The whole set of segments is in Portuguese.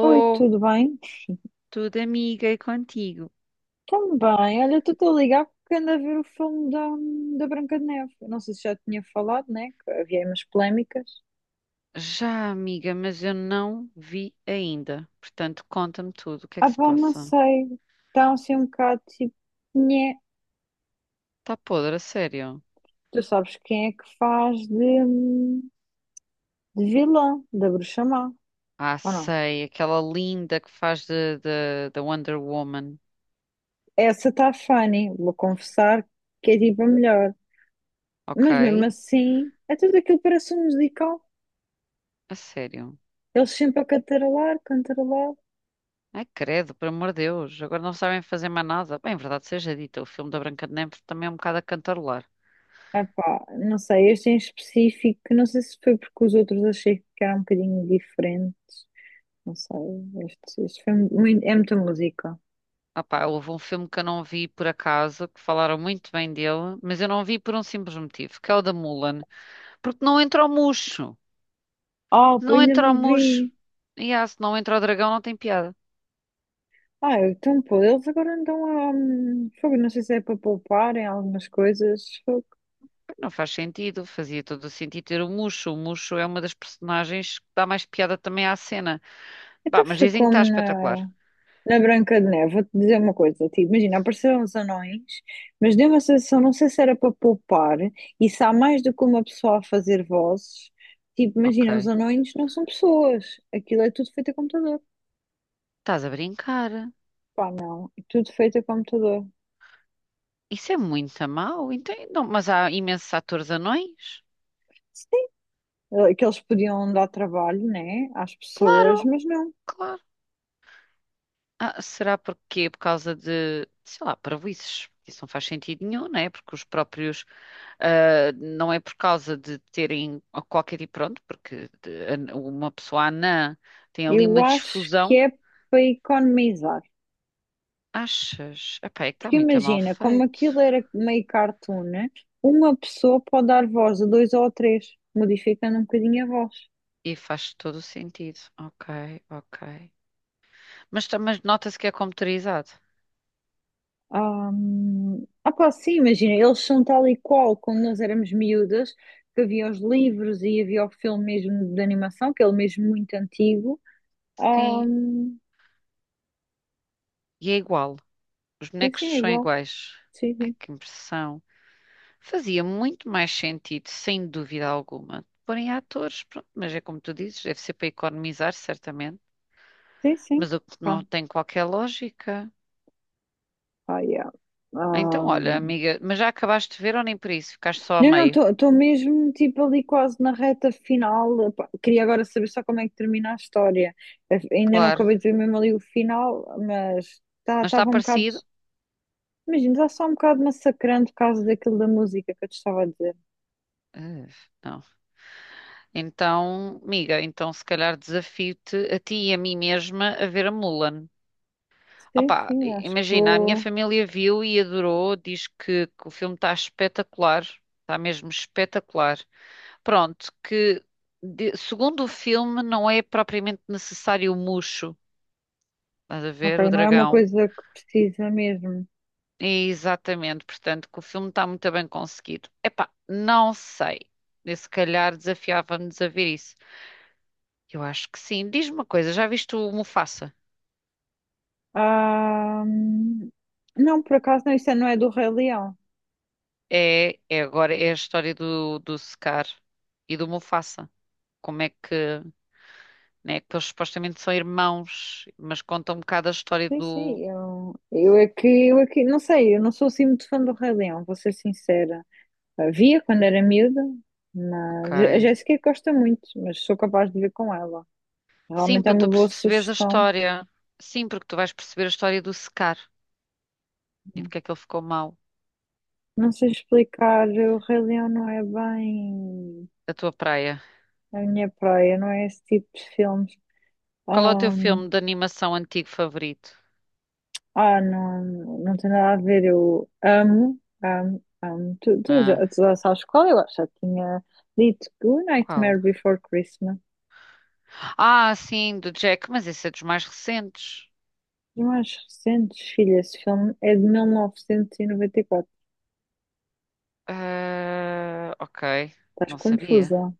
Oi, tudo bem? tudo amiga e contigo? Também. Olha, tu estou a ligar porque ando a ver o filme da Branca de Neve. Eu não sei se já tinha falado, né? Que havia aí umas polémicas. Já, amiga, mas eu não vi ainda. Portanto, conta-me tudo, o que é que Ah, se pá, não passa? sei. Está assim um bocado tipo. Nhé. Tá podre, a sério? Tu sabes quem é que faz de vilã, da Bruxa Má, Ah, ou não? sei, aquela linda que faz da Wonder Woman, Essa está funny, vou confessar que é tipo a melhor. Mas mesmo ok? assim, é tudo aquilo que parece um musical. A sério. Eles sempre a cantarolar, cantarolar. Ai, credo, por amor de Deus, agora não sabem fazer mais nada. Bem, verdade seja dita, o filme da Branca de Neve também é um bocado a cantarolar. Ah pá, não sei, este em específico, não sei se foi porque os outros achei que era um bocadinho diferente, não sei, este foi muito, é muita música. Ah pá, houve um filme que eu não vi por acaso, que falaram muito bem dele, mas eu não vi por um simples motivo, que é o da Mulan. Porque não entra o Muxo. Ah, Se pô, não ainda entra o não Muxo. vi. E ah, se não entra o dragão, não tem piada. Ah, então pô, eles agora andam a. Fogo, não sei se é para poupar em algumas coisas. Fogo. Não faz sentido. Fazia todo o sentido ter o Muxo. O Muxo é uma das personagens que dá mais piada também à cena. Bah, Então mas foi dizem que como está espetacular. na. Na Branca de Neve, vou-te dizer uma coisa, tipo, imagina, apareceram os anões, mas deu uma sensação, não sei se era para poupar, e se há mais do que uma pessoa a fazer vozes, tipo, imagina, os Ok. anões não são pessoas, aquilo é tudo feito a computador, Estás a brincar. pá, não, é tudo feito a computador. Isso é muito mau. Então, não, mas há imensos atores anões? Sim, que eles podiam dar trabalho, né, às pessoas, Claro, mas não, claro. Ah, será porque por causa de, sei lá, parvoíces. Isso não faz sentido nenhum, não é? Porque os próprios, ah, não é por causa de terem qualquer tipo, pronto, uma pessoa anã tem ali eu uma acho que difusão. é para economizar. Achas? Epá, é que está Porque muito mal imagina, como feito. aquilo era meio cartoon, né? Uma pessoa pode dar voz a dois ou a três, modificando um bocadinho a voz. E faz todo o sentido. Ok, ok. Mas, mas nota-se que é computarizado. Ah, ah pá, sim, imagina, eles são tal e qual quando nós éramos miúdas, que havia os livros e havia o filme mesmo de animação, que é ele mesmo muito antigo. Ah, Sim, e é igual. Os sim, bonecos sim, é são igual. iguais. Sim, Ai, sim. que impressão. Fazia muito mais sentido, sem dúvida alguma, porem atores, pronto, mas é como tu dizes, deve ser para economizar, certamente, Sim, mas sim. o que não Pá, tem qualquer lógica. pá, yeah. Então, olha, amiga, mas já acabaste de ver ou nem por isso? Ficaste só a Não, meio? não, estou mesmo tipo ali quase na reta final. Pá, queria agora saber só como é que termina a história. Ainda não Claro, acabei de ver mesmo ali o final, mas mas está estava um bocado. parecido? Imagino, está só um bocado massacrante por causa daquilo da música que eu te estava a dizer. Eh, não. Então, amiga, então se calhar desafio-te a ti e a mim mesma a ver a Mulan. Sim, Opa, sim, acho que imagina, a minha vou. família viu e adorou, diz que o filme está espetacular, está mesmo espetacular. Pronto, que segundo o filme não é propriamente necessário o Mushu, estás a Ok, ver, o não é uma dragão. coisa que precisa mesmo. Exatamente, portanto, que o filme está muito bem conseguido. Epá, não sei. Eu, se calhar desafiava-nos a ver isso. Eu acho que sim. Diz-me uma coisa, já viste o Mufasa? Ah, não, por acaso não, isso não é do Rei Leão. É, é agora é a história do Scar e do Mufasa. Como é que, né, que eles supostamente são irmãos, mas conta um bocado a história Sim, do. sim, eu é que, não sei, eu não sou assim muito fã do Rei Leão, vou ser sincera. Havia quando era miúda, mas a Ok. Jéssica gosta muito, mas sou capaz de ver com ela. Sim, Realmente é para uma tu boa perceberes a sugestão. história. Sim, porque tu vais perceber a história do secar e porque é que ele ficou mau. Não sei explicar, o Rei Leão não é bem A tua praia. a minha praia, não é esse tipo de filmes. Qual é o teu filme Ahm, de animação antigo favorito? ah, não, não tem nada a ver. Eu amo, amo, amo. Tu, tu já, Ah, tu já sabes qual eu acho. Já tinha dito que o qual? Nightmare Before Christmas. Ah, sim, do Jack, mas esse é dos mais recentes. E mais recentes, filha, esse filme é de mil novecentos e noventa e quatro. Ah, ok, Estás não sabia. confusa.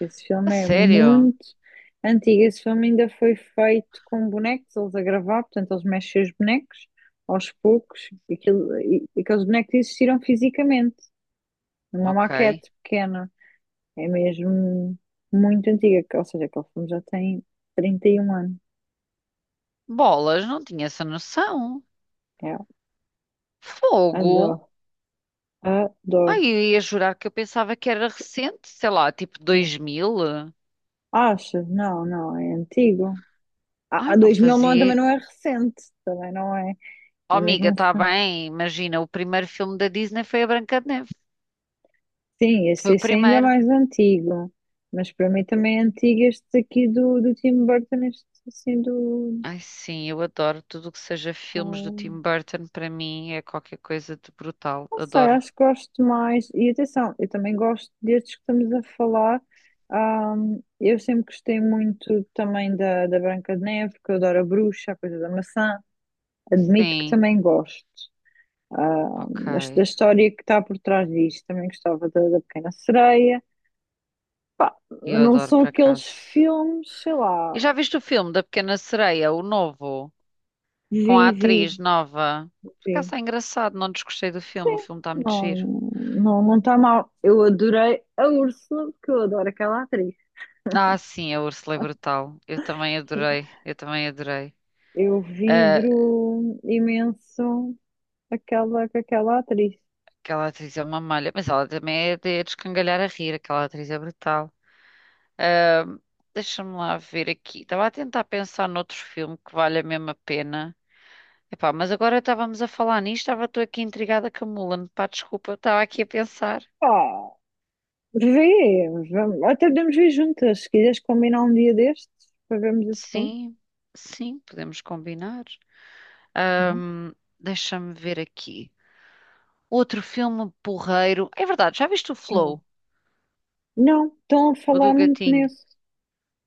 Esse A filme é sério? muito antigo. Esse filme ainda foi feito com bonecos, eles a gravar, portanto, eles mexem os bonecos aos poucos. Aqueles bonecos existiram fisicamente, numa Ok. maquete pequena. É mesmo muito antiga, ou seja, aquele filme já tem 31 anos. Bolas, não tinha essa noção. É, Fogo? adoro, adoro. Ai, eu ia jurar que eu pensava que era recente, sei lá, tipo 2000. Achas? Não, não, é antigo. A, Ai, a não 2000 não, também fazia. não é recente, também não é. Oh, É mesmo amiga, um está filme. bem. Imagina, o primeiro filme da Disney foi a Branca de Neve. Sim, Foi esse, o esse ainda é primeiro. mais antigo, mas para mim também é antigo este aqui do Tim Burton, este assim do. Ai, sim, eu adoro tudo o que seja filmes do Tim Ah, Burton. Para mim é qualquer coisa de brutal. não sei, Adoro. acho que gosto mais. E atenção, eu também gosto destes que estamos a falar. Ah, eu sempre gostei muito também da Branca de Neve, porque eu adoro a bruxa, a coisa da maçã. Admito que Sim, também gosto. Ah, ok. mas da história que está por trás disto, também gostava da Pequena Sereia. Eu Mas não adoro, são por aqueles acaso. filmes, sei E lá, já viste o filme da Pequena Sereia, o novo, com a Vivi. atriz nova? Por acaso Sim, está engraçado, não desgostei do filme. O sim, filme está muito não, giro. não, não está mal. Eu adorei a Úrsula, porque eu adoro aquela atriz. Ah, sim, a Úrsula é brutal. Eu também adorei. Eu também adorei. Eu Ah, vibro imenso aquela, com aquela atriz. aquela atriz é uma malha, mas ela também é de descangalhar a rir, aquela atriz é brutal. Ahm, Deixa-me lá ver aqui. Estava a tentar pensar noutro filme que vale a mesma pena. Epá, mas agora estávamos a falar nisto, estava tu aqui intrigada com a Mulan. Pá, desculpa, eu estava aqui a pensar. Pá, vê, vamos, até podemos ver juntas, se quiseres combinar um dia destes para vermos esse filme, Sim, sim, podemos combinar. não é? Ahm, Deixa-me ver aqui. Outro filme porreiro. É verdade, já viste o Para não, Flow? não, estão a O do falar muito gatinho? nisso.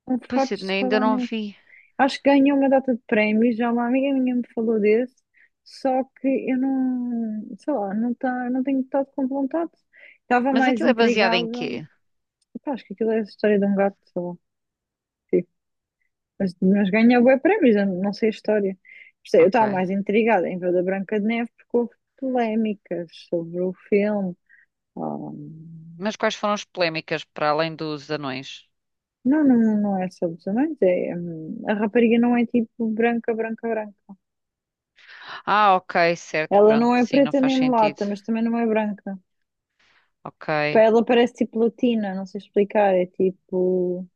Estão Pois, fartos de Sidney, ainda falar não nisso. vi. Acho que ganhou uma data de prémios, já uma amiga minha me falou desse, só que eu não, sei lá, não, tá, não tenho estado com vontade. Estava Mas mais aquilo é baseado em intrigada. quê? Pá, acho que aquilo é a história de um gato, sei lá. Sim. Mas ganhou bué prémios, eu não sei a história. Por isso é, eu estava Ok. mais intrigada em ver da Branca de Neve porque houve polémicas sobre o filme. Ah, Mas quais foram as polémicas para além dos anões? não, não, não é sobre os anões, é, a rapariga não é tipo branca, branca, branca. Ah, ok, certo, Ela pronto, não é sim, não preta faz nem sentido. mulata, mas também não é branca. Pá, Ok. ela parece tipo latina, não sei explicar. É tipo.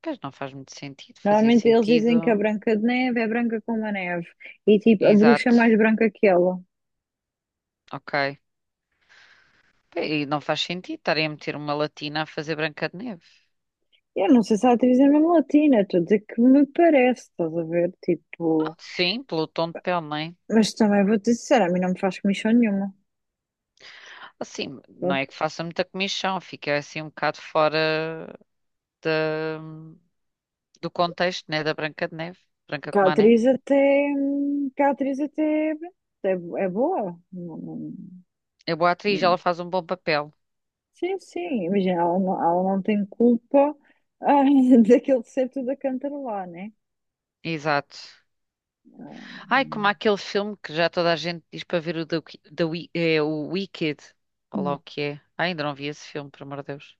Pois não faz muito sentido, fazia Normalmente eles dizem que a sentido. Branca de Neve é branca como a neve. E tipo, a bruxa é Exato, mais branca que ela. ok. E não faz sentido estarem a meter uma latina a fazer Branca de Neve. Eu não sei se a atriz é mesmo latina, estou a dizer que me parece, estás a ver? Ah, Tipo. sim, pelo tom de pele, não é? Mas também vou-te dizer, a mim não me faz comissão nenhuma. Assim, não é que Pronto. faça muita comichão, fica assim um bocado fora da- do contexto, né, da Branca de Neve. Branca Que a como a neve. atriz até. Que a atriz até. É, é boa. É boa atriz, ela não- faz um bom papel. Sim, sim. Imagina, ela não tem culpa ah, daquele ser tudo a cantarolar, né? Exato. Ai, como aquele filme que já toda a gente diz para ver o, da, é, o Wicked. Olha lá o Hum. que é. Ai, ainda não vi esse filme, por amor de Deus.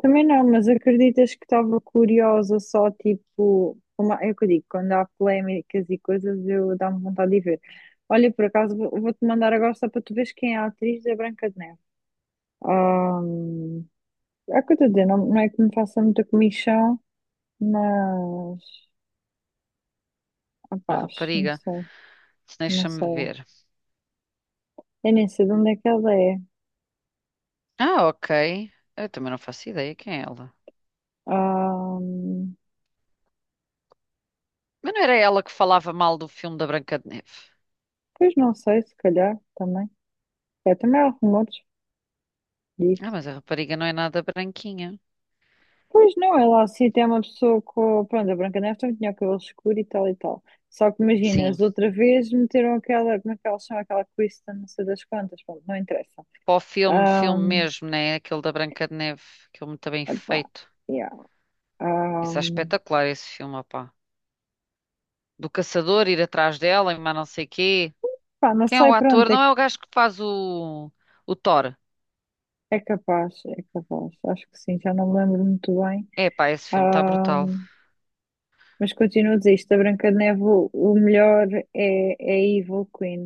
Também não, mas acreditas que estava curiosa só tipo, uma, é o que eu digo, quando há polémicas e coisas eu dá-me vontade de ver. Olha, por acaso vou-te mandar agora só para tu veres quem é a atriz da Branca de Neve. Ah, é o que eu estou a dizer, não, não é que me faça muita comichão, mas A rapaz, não rapariga. sei, não Deixa-me sei. ver. Eu nem sei de onde é que ela é. Ah, ok. Eu também não faço ideia quem é ela. Ah, Mas não era ela que falava mal do filme da Branca de Neve. pois não sei, se calhar também. É, também há rumores Ah, disso. mas a rapariga não é nada branquinha. Pois não, ela assim tem uma pessoa com. Pronto, a Branca Neve também tinha o cabelo escuro e tal e tal. Só que imaginas, Sim. de outra vez meteram aquela. Como é que elas chamam? Aquela Kristen, não sei das quantas. Pronto, não interessa. Para o filme, filme Ahm, mesmo, né? É aquele da Branca de Neve. Aquele muito bem epá, feito. yeah. Isso é Ahm, espetacular, esse filme, opá. Do caçador ir atrás dela e mais não sei quê. pá, não Quem é o sei, ator? pronto, Não é, é o gajo que faz o Thor. é capaz, é capaz. Acho que sim, já não me lembro muito bem. É pá, esse filme está brutal. Ahm, mas continuo a dizer isto: a Branca de Neve, o melhor é a Evil Queen.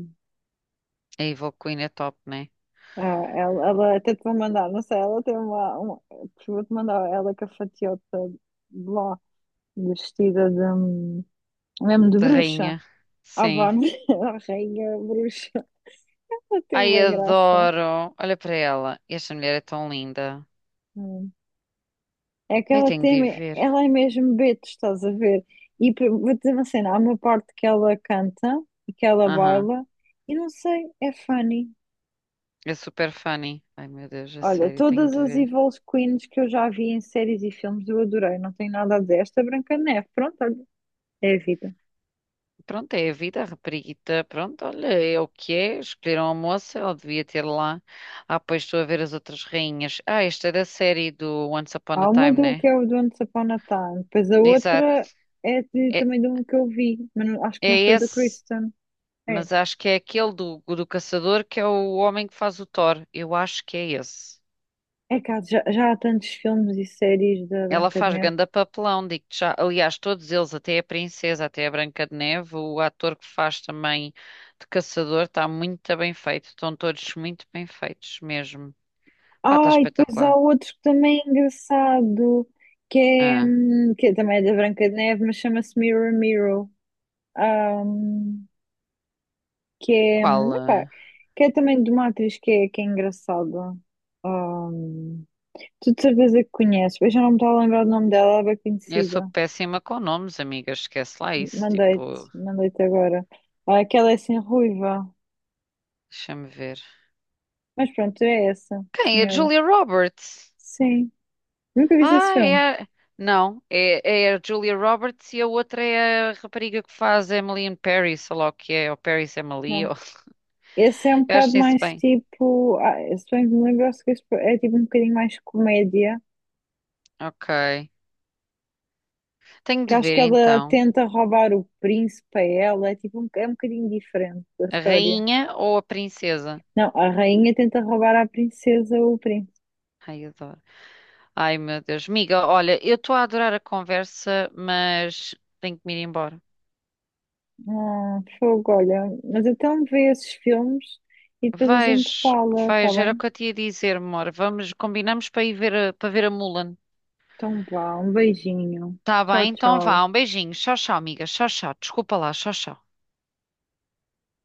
A Evil Queen é top, né? Ah, ela até te vou mandar, não sei, ela tem uma vou-te mandar ela com a fatiota de lá, vestida de, mesmo de De bruxa. rainha. Ah, vá, Sim. né? a rainha bruxa. Ela tem Ai, uma graça. adoro. Olha para ela. Esta mulher é tão linda. Hum. É que Eu ela tenho de tem, ir ver. ela é mesmo Beto, estás a ver? Vou dizer uma cena, há uma parte que ela canta e que ela Aham. baila, e não sei, é funny. É super funny. Ai, meu Deus, a Olha, sério, tenho todas de as ver. Evil Queens que eu já vi em séries e filmes eu adorei, não tem nada a dizer. Esta Branca de Neve, pronto, é a vida. Pronto, é a vida, a rapariguita. Pronto, olha, é o que é. Escolheram a moça, ela devia ter lá. Ah, pois estou a ver as outras rainhas. Ah, esta é da série do Once Upon a Há uma Time, do né? que é o do ano de Upon a Time, depois a outra Exato. é É, também de um que eu vi, mas acho que não é foi do esse. Kristen. É, Mas acho que é aquele do caçador que é o homem que faz o Thor. Eu acho que é esse. é que já há tantos filmes e séries da Ela Branca de faz Neve. ganda papelão, digo-te já. Aliás, todos eles, até a princesa, até a Branca de Neve, o ator que faz também de caçador, está muito bem feito. Estão todos muito bem feitos mesmo. Pá, está Ah, e depois há espetacular. outro que também é engraçado, que é, Ah, hum, que é também é da Branca de Neve, mas chama-se Mirror Mirror. Ahm, que é, qual? Epá, Ah? que é também de uma atriz que é engraçada. Ahm, tu de certeza que conheces, eu já não me estou a lembrar do nome dela, ela é bem Eu sou conhecida. péssima com nomes, amiga. Esquece lá isso. Mandei-te, Tipo, mandei-te agora. Ah, aquela é assim ruiva. deixa-me ver. Mas pronto, é essa, Quem? A senhora. Julia Roberts. Sim. Nunca viste esse Ah, é. filme? a- Não, é, é a Julia Roberts e a outra é a rapariga que faz Emily in Paris, ou lá o que é, ou Paris Emily, Não. ou... Esse é um eu bocado acho isso mais bem. tipo. Ah, se bem que me lembro, acho que esse é tipo um bocadinho mais comédia. Ok. Tenho Que de acho ver que ela então. tenta roubar o príncipe a ela. É tipo um, é um bocadinho diferente da A história. rainha ou a princesa? Não, a rainha tenta roubar à princesa o príncipe. Ai, adoro. Ai, meu Deus. Miga, olha, eu estou a adorar a conversa, mas tenho que me ir embora. Ah, fogo, olha. Mas então vê esses filmes e depois a gente Vejo, fala, tá vejo, era o bem? que eu te ia dizer, amor. Vamos, combinamos para ir ver, para ver a Mulan. Então vá, um beijinho. Tá Tchau, bem, então tchau. vá, um beijinho. Tchau, tchau, amiga. Tchau, tchau. Desculpa lá, tchau, tchau.